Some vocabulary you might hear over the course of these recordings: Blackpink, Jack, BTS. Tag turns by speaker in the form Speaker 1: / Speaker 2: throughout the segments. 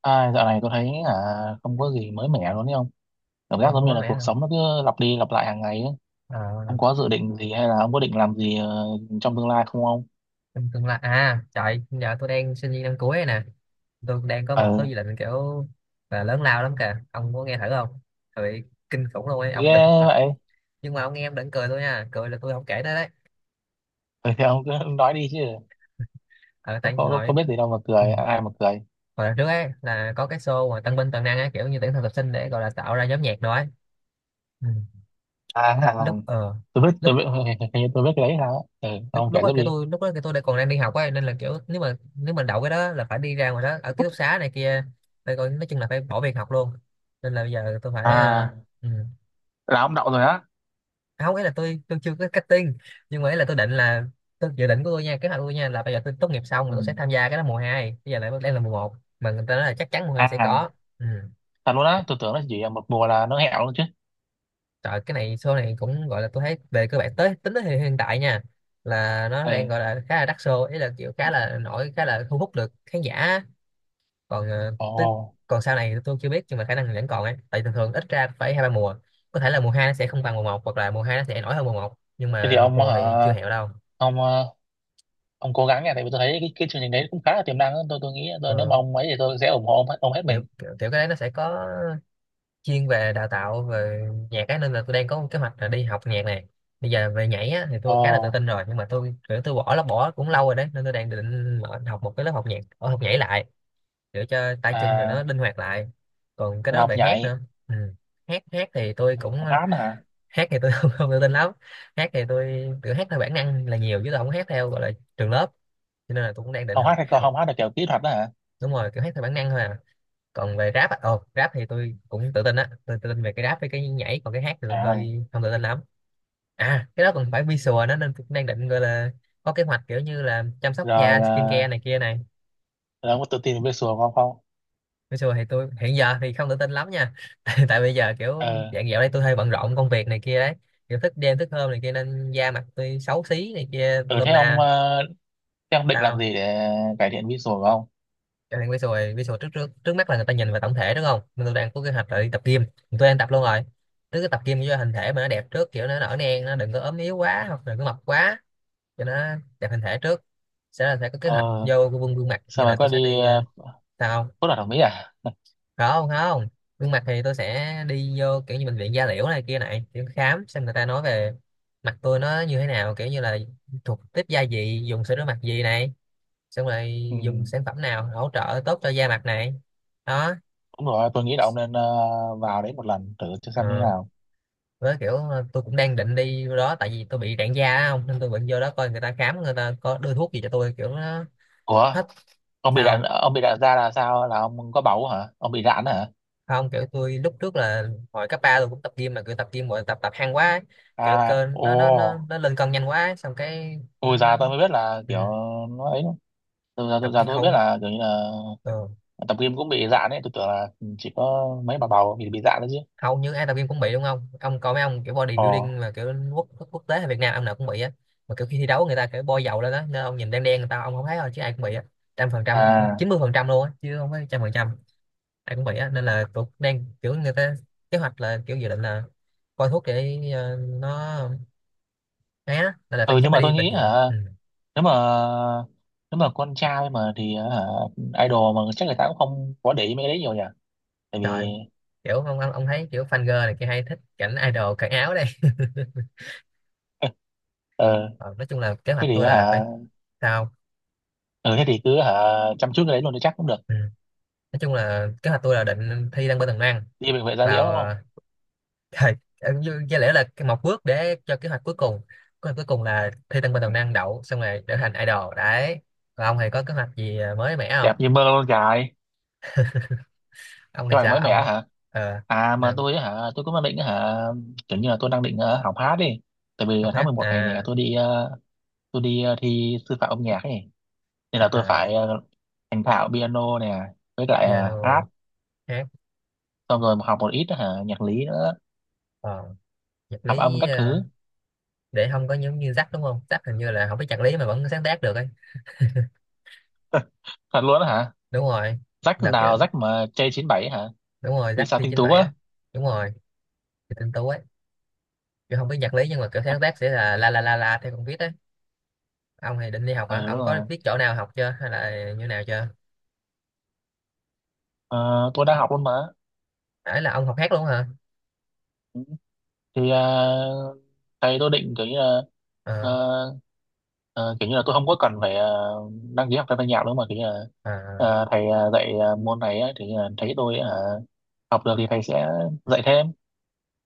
Speaker 1: Ai, dạo này tôi thấy là không có gì mới mẻ luôn đấy ông. Cảm giác
Speaker 2: Không
Speaker 1: giống
Speaker 2: có
Speaker 1: như
Speaker 2: mới
Speaker 1: là
Speaker 2: mẻ
Speaker 1: cuộc
Speaker 2: hả?
Speaker 1: sống nó cứ lặp đi lặp lại hàng ngày ấy.
Speaker 2: ờ
Speaker 1: Ông có dự định gì hay là ông có định làm gì trong tương lai không ông?
Speaker 2: Trong tương lai à? Trời, giờ tôi đang sinh viên năm cuối này nè. Tôi đang có một số
Speaker 1: Ừ,
Speaker 2: dự định kiểu là lớn lao lắm kìa, ông có nghe thử không? Trời, kinh khủng luôn ấy,
Speaker 1: ghê
Speaker 2: ông đừng mà.
Speaker 1: vậy.
Speaker 2: Nhưng mà ông nghe em đừng cười tôi nha, cười là tôi không kể tới đấy.
Speaker 1: Ừ, thì ông cứ nói đi chứ.
Speaker 2: Ờ Tại
Speaker 1: Có
Speaker 2: hồi,
Speaker 1: biết gì đâu mà
Speaker 2: ừ,
Speaker 1: cười, ai mà cười.
Speaker 2: hồi đợt trước ấy là có cái show mà tân binh toàn năng ấy, kiểu như tuyển thực tập sinh để gọi là tạo ra nhóm nhạc đó ấy. Ừ.
Speaker 1: À, à,
Speaker 2: lúc ờ
Speaker 1: tôi
Speaker 2: lúc
Speaker 1: biết, hình như tôi biết cái đấy sao á. Ừ, ông kể tiếp đi.
Speaker 2: Lúc đó cái tôi đã còn đang đi học ấy, nên là kiểu nếu mà đậu cái đó là phải đi ra ngoài đó ở ký túc xá này kia, phải coi, nói chung là phải bỏ việc học luôn. Nên là bây giờ tôi phải,
Speaker 1: À,
Speaker 2: ừ.
Speaker 1: là ông đậu rồi á.
Speaker 2: À, không, ấy là tôi chưa có cutting, nhưng mà ấy là tôi định là, tôi dự định của tôi nha, kế hoạch của tôi nha, là bây giờ tôi tốt nghiệp xong
Speaker 1: Ừ.
Speaker 2: là tôi sẽ tham gia cái đó mùa hai. Bây giờ lại đang là mùa một mà người ta nói là chắc chắn mùa 2 sẽ
Speaker 1: À,
Speaker 2: có. Ừ.
Speaker 1: thật luôn á, tôi tưởng nó chỉ là một mùa là nó hẹo luôn chứ.
Speaker 2: Trời, cái này show này cũng gọi là tôi thấy về cơ bản tới, tính tới hiện hiện tại nha, là nó
Speaker 1: Ừ.
Speaker 2: đang gọi là khá là đắt show, ý là kiểu khá là nổi, khá là thu hút được khán giả. Còn tới,
Speaker 1: Ồ,
Speaker 2: còn sau này tôi chưa biết, nhưng mà khả năng vẫn còn ấy, tại thường thường ít ra phải hai ba mùa. Có thể là mùa hai nó sẽ không bằng mùa một, hoặc là mùa hai nó sẽ nổi hơn mùa một, nhưng
Speaker 1: thế thì
Speaker 2: mà một
Speaker 1: ông
Speaker 2: mùa
Speaker 1: hả?
Speaker 2: thì chưa hẹo đâu.
Speaker 1: Ông ờ, ông cố gắng nha, tại vì tôi thấy cái chương trình đấy cũng khá là tiềm năng á. Tôi nghĩ tôi, nếu mà
Speaker 2: Ờ,
Speaker 1: ông ấy thì tôi sẽ ủng hộ ông, ông hết
Speaker 2: kiểu,
Speaker 1: mình.
Speaker 2: kiểu cái đấy nó sẽ có chuyên về đào tạo về nhạc ấy, nên là tôi đang có một kế hoạch là đi học nhạc này. Bây giờ về nhảy á, thì tôi
Speaker 1: Ồ.
Speaker 2: khá là tự tin rồi, nhưng mà tôi kiểu tôi bỏ là bỏ cũng lâu rồi đấy, nên tôi đang định mở- học một cái lớp học nhạc ở học nhảy lại, để cho tay chân rồi nó
Speaker 1: À,
Speaker 2: linh hoạt lại. Còn cái
Speaker 1: là
Speaker 2: đó
Speaker 1: học
Speaker 2: về hát
Speaker 1: nhảy.
Speaker 2: nữa. Ừ. hát hát thì tôi cũng,
Speaker 1: Học hát nữa hả?
Speaker 2: hát thì tôi không tự tin lắm. Hát thì tôi kiểu hát theo bản năng là nhiều, chứ tôi không hát theo gọi là trường lớp, cho nên là tôi cũng đang định
Speaker 1: Học hát
Speaker 2: học
Speaker 1: hay còn
Speaker 2: học
Speaker 1: không hát là kiểu kỹ thuật đó hả?
Speaker 2: Đúng rồi, kiểu hát theo bản năng thôi à. Còn về rap à, ồ, rap thì tôi cũng tự tin á, tôi tự tin về cái rap với cái nhảy, còn cái hát thì
Speaker 1: À
Speaker 2: tôi
Speaker 1: ơi.
Speaker 2: hơi không tự tin lắm. À, cái đó còn phải visual nó, nên tôi cũng đang định, gọi là có kế hoạch kiểu như là chăm sóc
Speaker 1: Rồi
Speaker 2: da, skincare này
Speaker 1: à,
Speaker 2: kia này.
Speaker 1: rồi ông có tự tin về visual của ông không?
Speaker 2: Visual thì tôi hiện giờ thì không tự tin lắm nha tại bây giờ kiểu
Speaker 1: Ờ.
Speaker 2: dạng dạo đây tôi hơi bận rộn công việc này kia đấy, kiểu thức đêm thức hôm này kia, nên da mặt tôi xấu xí này kia, tôi
Speaker 1: Ừ,
Speaker 2: lum
Speaker 1: thế ông
Speaker 2: la.
Speaker 1: à, thế ông định
Speaker 2: Sao
Speaker 1: làm
Speaker 2: không?
Speaker 1: gì để cải thiện visual của ông?
Speaker 2: Cho nên visual visual trước, trước mắt là người ta nhìn vào tổng thể đúng không, nên tôi đang có kế hoạch là đi tập gym. Tôi đang tập luôn rồi. Trước cái tập gym cho hình thể mà nó đẹp trước, kiểu nó nở nang, nó đừng có ốm yếu quá hoặc đừng có mập quá, cho nó đẹp hình thể trước. Sẽ là sẽ có kế hoạch
Speaker 1: Ờ.
Speaker 2: vô gương, gương mặt,
Speaker 1: Sao
Speaker 2: như là
Speaker 1: mà
Speaker 2: tôi
Speaker 1: có đi
Speaker 2: sẽ đi
Speaker 1: uh,
Speaker 2: sao
Speaker 1: phẫu thuật thẩm mỹ à?
Speaker 2: không. Không không Gương mặt thì tôi sẽ đi vô kiểu như bệnh viện da liễu này kia này, kiểu khám xem người ta nói về mặt tôi nó như thế nào, kiểu như là thuộc tiếp da gì, dùng sữa rửa mặt gì này, xong rồi
Speaker 1: Ừ
Speaker 2: dùng sản phẩm nào hỗ trợ tốt cho da mặt này. Đó.
Speaker 1: đúng rồi, tôi nghĩ là ông nên vào đấy một lần thử cho
Speaker 2: ờ,
Speaker 1: xem như thế nào.
Speaker 2: với kiểu tôi cũng đang định đi vô đó, tại vì tôi bị rạn da á không, nên tôi định vô đó coi người ta khám, người ta có đưa thuốc gì cho tôi kiểu nó
Speaker 1: Ủa,
Speaker 2: hết. Sao
Speaker 1: ông bị rạn da là sao, là ông có bầu hả, ông bị rạn hả?
Speaker 2: không? Kiểu tôi lúc trước là hồi cấp ba tôi cũng tập gym, mà kiểu tập gym rồi tập, tập hăng quá ấy. Kiểu
Speaker 1: À,
Speaker 2: cơ nó
Speaker 1: ồ,
Speaker 2: lên cân nhanh quá ấy. Xong cái nó,
Speaker 1: tôi
Speaker 2: nó
Speaker 1: già tôi mới biết là
Speaker 2: ừ,
Speaker 1: kiểu nó ấy, tôi già tôi,
Speaker 2: tập
Speaker 1: già
Speaker 2: gym
Speaker 1: tôi mới
Speaker 2: hầu,
Speaker 1: biết là kiểu như là
Speaker 2: ờ,
Speaker 1: tập gym cũng bị dạn ấy, tôi tưởng là chỉ có mấy bà bầu bị dạn đấy chứ.
Speaker 2: hầu như ai tập gym cũng bị đúng không, ông coi mấy ông kiểu
Speaker 1: Ồ,
Speaker 2: bodybuilding mà kiểu quốc quốc tế hay Việt Nam ông nào cũng bị á. Mà kiểu khi thi đấu người ta kiểu bôi dầu lên đó nên ông nhìn đen đen người ta, ông không thấy thôi, chứ ai cũng bị á. Trăm phần trăm á, không,
Speaker 1: à,
Speaker 2: chín mươi phần trăm luôn á, chứ không phải trăm phần trăm ai cũng bị á. Nên là tôi đang kiểu người ta, kế hoạch là kiểu dự định là coi thuốc để nó né, nên là phải
Speaker 1: ừ, nhưng
Speaker 2: chắc
Speaker 1: mà
Speaker 2: phải đi
Speaker 1: tôi
Speaker 2: bệnh
Speaker 1: nghĩ
Speaker 2: viện.
Speaker 1: hả,
Speaker 2: Ừ.
Speaker 1: nếu mà nếu mà con trai mà thì hả, idol mà chắc người ta cũng không có để ý mấy cái đấy nhiều nhỉ, tại vì
Speaker 2: Trời, kiểu ông, ông thấy kiểu fan girl này kia hay thích cảnh idol cởi áo đây.
Speaker 1: ờ,
Speaker 2: Ờ, nói chung là kế
Speaker 1: thế
Speaker 2: hoạch
Speaker 1: thì
Speaker 2: tôi là phải,
Speaker 1: hả,
Speaker 2: sao
Speaker 1: ừ thế thì cứ hả, chăm chút cái đấy luôn thì chắc cũng được,
Speaker 2: không? Nói chung là kế hoạch tôi là định thi đăng bên tầng năng,
Speaker 1: đi bệnh viện da liễu
Speaker 2: vào
Speaker 1: đúng không?
Speaker 2: thời, ờ, có lẽ là cái một bước để cho kế hoạch cuối cùng. Kế hoạch cuối cùng là thi đăng bên
Speaker 1: Ừ.
Speaker 2: tầng năng, đậu xong rồi trở thành idol đấy. Và ông thì có kế hoạch gì mới mẻ không,
Speaker 1: Đẹp như mơ luôn trời,
Speaker 2: ông thì
Speaker 1: cái mày
Speaker 2: sao
Speaker 1: mới mẻ
Speaker 2: ông?
Speaker 1: hả?
Speaker 2: ờ
Speaker 1: À mà
Speaker 2: là
Speaker 1: tôi á hả, tôi cũng đang định á hả, kiểu như là tôi đang định học hát đi. Tại vì
Speaker 2: học
Speaker 1: tháng
Speaker 2: hát
Speaker 1: 11 này
Speaker 2: à?
Speaker 1: nè tôi đi thi sư phạm âm nhạc ấy. Nên là tôi
Speaker 2: À,
Speaker 1: phải thành thạo piano nè, với lại hát,
Speaker 2: piano, hát,
Speaker 1: xong rồi học một ít á hả, nhạc lý nữa,
Speaker 2: ờ, nhạc
Speaker 1: hợp âm
Speaker 2: lý,
Speaker 1: các thứ.
Speaker 2: để không có giống như Jack đúng không, Jack hình như là không biết nhạc lý mà vẫn sáng tác được ấy.
Speaker 1: Thật luôn á hả?
Speaker 2: Đúng rồi.
Speaker 1: Rách
Speaker 2: Đợt kìa.
Speaker 1: nào rách mà j bảy hả?
Speaker 2: Đúng rồi,
Speaker 1: Vì
Speaker 2: Jack
Speaker 1: sao
Speaker 2: thi
Speaker 1: tinh tú
Speaker 2: 97
Speaker 1: á?
Speaker 2: á. Đúng rồi. Thì tinh tú ấy, kiểu không biết nhạc lý nhưng mà kiểu sáng tác sẽ là la la la la theo con viết á. Ông thì định đi học
Speaker 1: Ừ
Speaker 2: hả,
Speaker 1: đúng
Speaker 2: ông có
Speaker 1: rồi.
Speaker 2: biết chỗ nào học chưa hay là như nào chưa?
Speaker 1: Ờ, tôi đang học luôn mà.
Speaker 2: Ấy là ông học hát luôn hả?
Speaker 1: Ừ. Thì ờ, Thầy tôi định kiểu như là
Speaker 2: ờ
Speaker 1: ờ, Ờ, kiểu như là tôi không có cần phải đăng ký học thêm thanh nhạc nữa, mà kiểu như là
Speaker 2: ờ
Speaker 1: thầy dạy môn này ấy, thì thấy tôi học được thì thầy sẽ dạy thêm,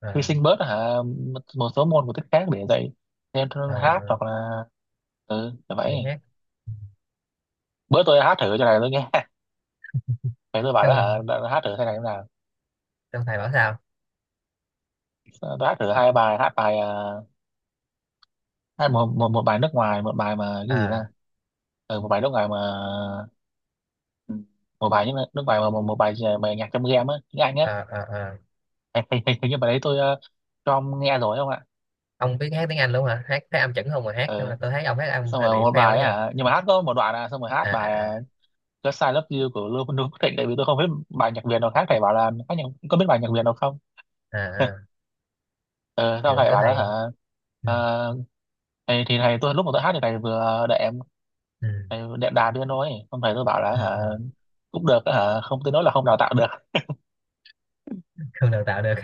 Speaker 2: ờ
Speaker 1: hy sinh bớt hả một một số môn của tiết khác để dạy thêm
Speaker 2: ờ
Speaker 1: hát, hoặc là ừ là
Speaker 2: Gì
Speaker 1: vậy.
Speaker 2: hát?
Speaker 1: Bữa tôi hát thử cho này tôi nghe, thầy tôi bảo là hả,
Speaker 2: Trong,
Speaker 1: đã hát thử thế này thế nào.
Speaker 2: trong thầy bảo sao?
Speaker 1: Ờ, tôi hát thử hai bài hát, bài hát một, một một bài nước ngoài, một bài mà cái gì
Speaker 2: ờ
Speaker 1: ta, ừ, một bài nước ngoài mà, ừ, một bài nhưng mà nước ngoài mà một bài bài nhạc trong game á, tiếng Anh á.
Speaker 2: ờ ờ ờ
Speaker 1: Hình, hình, hình Hình như bài đấy tôi cho ông nghe rồi không ạ?
Speaker 2: ông biết hát tiếng Anh luôn hả, hát thấy âm chuẩn không? Mà hát không
Speaker 1: Ừ.
Speaker 2: là tôi thấy ông hát âm
Speaker 1: Xong
Speaker 2: hơi
Speaker 1: rồi
Speaker 2: bị
Speaker 1: một
Speaker 2: fail
Speaker 1: bài
Speaker 2: ấy
Speaker 1: ấy
Speaker 2: nha.
Speaker 1: hả, nhưng mà hát có một đoạn à, xong rồi hát
Speaker 2: à à
Speaker 1: bài
Speaker 2: à
Speaker 1: Just I Love You của Lưu Lưu Quốc Thịnh, tại vì tôi không biết bài nhạc Việt nào khác, thầy bảo là hát nhạc, có biết bài nhạc Việt nào không.
Speaker 2: À,
Speaker 1: Ừ, sau
Speaker 2: kiểu
Speaker 1: thầy
Speaker 2: kiểu
Speaker 1: bảo đó
Speaker 2: thầy,
Speaker 1: hả.
Speaker 2: ừ,
Speaker 1: Ờ, thì thầy tôi lúc mà tôi hát thì thầy vừa đệm,
Speaker 2: ừ,
Speaker 1: thầy đệm đàn đưa nói xong thầy tôi bảo là hả
Speaker 2: ừ.
Speaker 1: cũng được á hả, không tới nỗi là không đào tạo được.
Speaker 2: Không đào tạo được,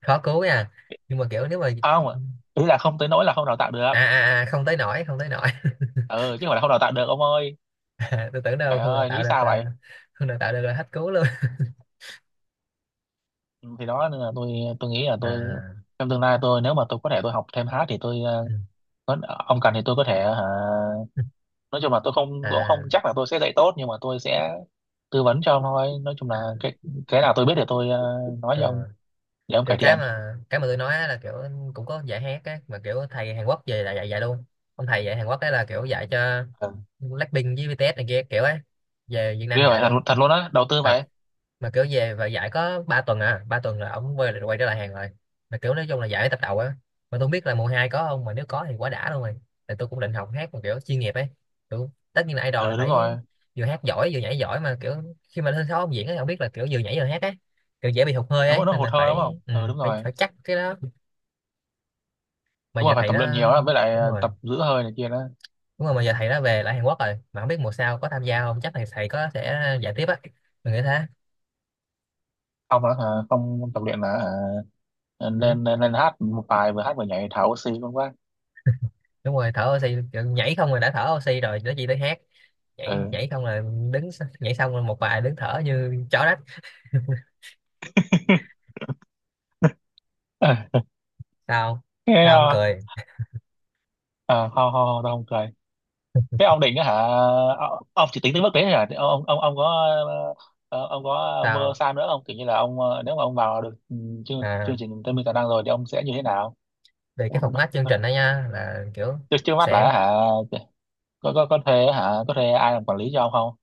Speaker 2: khó cứu nha. Nhưng mà kiểu nếu mà,
Speaker 1: Không, ý là không tới nỗi là không đào tạo được,
Speaker 2: à à à, không tới nổi, không tới nổi.
Speaker 1: ừ chứ không phải là không đào tạo được ông ơi.
Speaker 2: À, tôi tưởng đâu
Speaker 1: Trời
Speaker 2: không đào
Speaker 1: ơi
Speaker 2: tạo
Speaker 1: nghĩ
Speaker 2: được.
Speaker 1: sao vậy.
Speaker 2: Không đào tạo được là hết cứu luôn.
Speaker 1: Thì đó, nên là tôi nghĩ là tôi
Speaker 2: À.
Speaker 1: trong tương lai, tôi nếu mà tôi có thể, tôi học thêm hát thì tôi
Speaker 2: Ừ.
Speaker 1: có, ông cần thì tôi có thể hả, nói chung là tôi không, tôi cũng
Speaker 2: À,
Speaker 1: không chắc là tôi sẽ dạy tốt, nhưng mà tôi sẽ tư vấn cho ông thôi, nói chung là
Speaker 2: à.
Speaker 1: cái nào tôi biết thì tôi nói
Speaker 2: Ừ.
Speaker 1: với ông để ông
Speaker 2: Kiểu
Speaker 1: cải thiện.
Speaker 2: cái mà tôi nói á là kiểu cũng có dạy hát á, mà kiểu thầy Hàn Quốc về là dạy, luôn. Ông thầy dạy Hàn Quốc ấy là kiểu dạy cho
Speaker 1: Ừ.
Speaker 2: Blackpink với BTS này kia kiểu ấy, về Việt Nam
Speaker 1: Ghê vậy,
Speaker 2: dạy
Speaker 1: thật,
Speaker 2: luôn.
Speaker 1: thật luôn á, đầu tư
Speaker 2: Thật.
Speaker 1: vậy.
Speaker 2: Mà kiểu về và giải có 3 tuần à, ba tuần là ổng quay, trở lại hàng rồi. Mà kiểu nói chung là giải tập đầu á. Mà tôi không biết là mùa hai có không, mà nếu có thì quá đã luôn rồi. Tại tôi cũng định học hát mà kiểu chuyên nghiệp ấy. Kiểu, tất nhiên là idol là
Speaker 1: Ừ đúng
Speaker 2: phải
Speaker 1: rồi,
Speaker 2: vừa hát giỏi vừa nhảy giỏi, mà kiểu khi mà lên sân khấu ông diễn ấy, không biết là kiểu vừa nhảy vừa hát ấy, kiểu dễ bị hụt hơi
Speaker 1: đúng
Speaker 2: ấy,
Speaker 1: rồi, nó
Speaker 2: nên
Speaker 1: hụt
Speaker 2: là
Speaker 1: hơi đúng không,
Speaker 2: phải,
Speaker 1: ừ đúng
Speaker 2: phải
Speaker 1: rồi,
Speaker 2: phải chắc cái đó. Mà
Speaker 1: đúng
Speaker 2: giờ
Speaker 1: rồi, phải
Speaker 2: thầy
Speaker 1: tập
Speaker 2: đó,
Speaker 1: luyện nhiều á, với lại
Speaker 2: đúng rồi,
Speaker 1: tập giữ hơi này kia đó.
Speaker 2: đúng rồi, mà giờ thầy đó về lại Hàn Quốc rồi, mà không biết mùa sau có tham gia không, chắc thầy thầy có sẽ dạy tiếp á, mình nghĩ thế.
Speaker 1: Không là hả, không tập luyện là hả,
Speaker 2: Ừ.
Speaker 1: lên, lên lên hát một bài vừa hát vừa nhảy thở oxy luôn quá.
Speaker 2: Đúng rồi, thở oxy. Nhảy không là đã thở oxy rồi, nó chỉ tới hát. Nhảy nhảy
Speaker 1: Ừ.
Speaker 2: không là đứng s- nhảy xong rồi một bài đứng thở như chó đất. Sao?
Speaker 1: Thế
Speaker 2: Sao không
Speaker 1: à,
Speaker 2: cười?
Speaker 1: à không không không, tao không cười. Cái ông định á hả, ông chỉ tính tới mức đấy thôi hả ông có ờ, ông có mơ
Speaker 2: Sao?
Speaker 1: xa nữa không, kiểu như là ông nếu mà ông vào được ừ, chương
Speaker 2: À,
Speaker 1: chương trình Tây Minh Tài Năng rồi thì ông sẽ như thế nào?
Speaker 2: về cái format chương trình đó nha, là kiểu
Speaker 1: Trước Trước mắt
Speaker 2: sẽ,
Speaker 1: là hả, có thuê hả, có thuê ai làm quản lý cho ông không?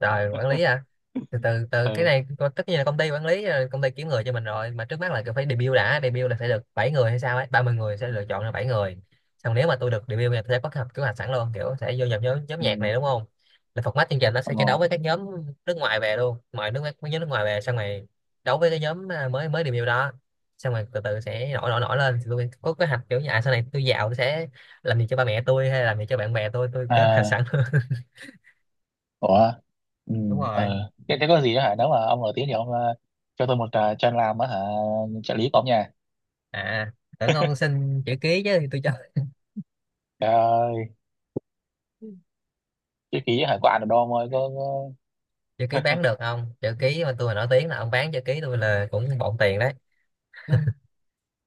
Speaker 2: rồi quản lý à? Từ từ từ Cái
Speaker 1: Ừ
Speaker 2: này co- tất nhiên là công ty quản lý rồi, công ty kiếm người cho mình rồi, mà trước mắt là cứ phải debut đã. Debut là phải được 7 người hay sao ấy, 30 người sẽ lựa chọn ra 7 người. Xong nếu mà tôi được debut thì tôi sẽ có kế hoạch, sẵn luôn, kiểu sẽ vô nhập nhóm,
Speaker 1: ừ,
Speaker 2: nhạc này đúng không. Là format chương trình nó
Speaker 1: ông
Speaker 2: sẽ chiến đấu
Speaker 1: Ngô
Speaker 2: với các nhóm nước ngoài về luôn, ngoài nước mấy nhóm nước ngoài về, xong rồi đấu với cái nhóm à, mới mới debut đó. Xong rồi từ từ sẽ nổi, nổi lên, thì tôi có kế hoạch kiểu như à sau này tôi giàu tôi sẽ làm gì cho ba mẹ tôi, hay làm gì cho bạn bè tôi kế hoạch
Speaker 1: à,
Speaker 2: sẵn luôn.
Speaker 1: ủa, ừ.
Speaker 2: Đúng rồi.
Speaker 1: Thế có gì đó hả, nếu mà ông nổi tiếng thì ông cho tôi một chân làm á hả, trợ lý của ông nha.
Speaker 2: À, tưởng ông xin chữ ký chứ tôi cho.
Speaker 1: Trời ơi, cái ký hả, có ăn được đâu ông ơi,
Speaker 2: Chữ ký
Speaker 1: có...
Speaker 2: bán được không? Chữ ký mà tôi mà nổi tiếng là ông bán chữ ký tôi là cũng bộn tiền đấy.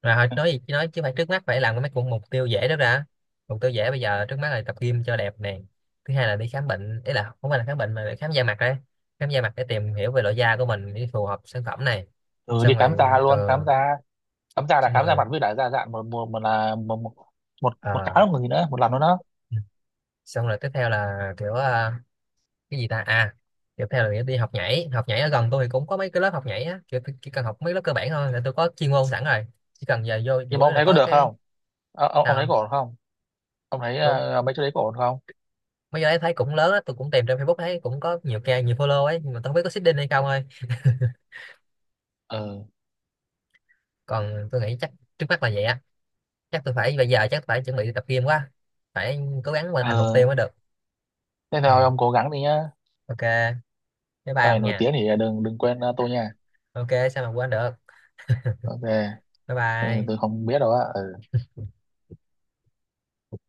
Speaker 2: Rồi thôi, nói gì chứ, nói chứ phải trước mắt phải làm cái mấy cũng mục tiêu dễ đó ra. Mục tiêu dễ bây giờ, trước mắt là tập gym cho đẹp nè. Thứ hai là đi khám bệnh, ý là không phải là khám bệnh mà là khám da mặt đấy. Khám da mặt để tìm hiểu về loại da của mình để phù hợp sản phẩm này.
Speaker 1: ừ, đi
Speaker 2: Xong
Speaker 1: khám
Speaker 2: rồi,
Speaker 1: da luôn, khám
Speaker 2: ờ,
Speaker 1: da. Khám da là
Speaker 2: xong
Speaker 1: khám da
Speaker 2: rồi,
Speaker 1: mặt với lại da dạn, một một một là một,
Speaker 2: ờ,
Speaker 1: cái một gì nữa, một lần nữa đó.
Speaker 2: xong rồi tiếp theo là kiểu cái gì ta. À, tiếp theo là nghĩa đi học nhảy. Học nhảy ở gần tôi thì cũng có mấy cái lớp học nhảy á, chỉ cần học mấy lớp cơ bản thôi là tôi có chuyên môn sẵn rồi. Chỉ cần giờ vô, chủ
Speaker 1: Nhưng
Speaker 2: yếu
Speaker 1: mà ông
Speaker 2: là
Speaker 1: thấy có
Speaker 2: có
Speaker 1: được
Speaker 2: cái
Speaker 1: không? Ờ, ông thấy
Speaker 2: sao
Speaker 1: có ổn không, ông thấy
Speaker 2: luôn.
Speaker 1: mấy chỗ đấy có ổn không?
Speaker 2: Mấy cái đấy thấy cũng lớn á, tôi cũng tìm trên Facebook thấy cũng có nhiều ca, nhiều follow ấy, nhưng mà tôi không biết có seeding hay không thôi.
Speaker 1: Ừ.
Speaker 2: Còn tôi nghĩ chắc, trước mắt là vậy á, chắc tôi phải bây giờ chắc phải chuẩn bị tập gym quá, phải cố gắng hoàn thành mục
Speaker 1: Ờ
Speaker 2: tiêu mới được.
Speaker 1: thế
Speaker 2: Ừ.
Speaker 1: thôi ông cố gắng đi nhá,
Speaker 2: OK, bye bye
Speaker 1: sau này
Speaker 2: ông
Speaker 1: nổi
Speaker 2: nha.
Speaker 1: tiếng thì đừng đừng quên tôi nha.
Speaker 2: OK, sao mà quên được?
Speaker 1: Ok.
Speaker 2: Bye
Speaker 1: Ừ
Speaker 2: bye.
Speaker 1: tôi không biết đâu á ừ.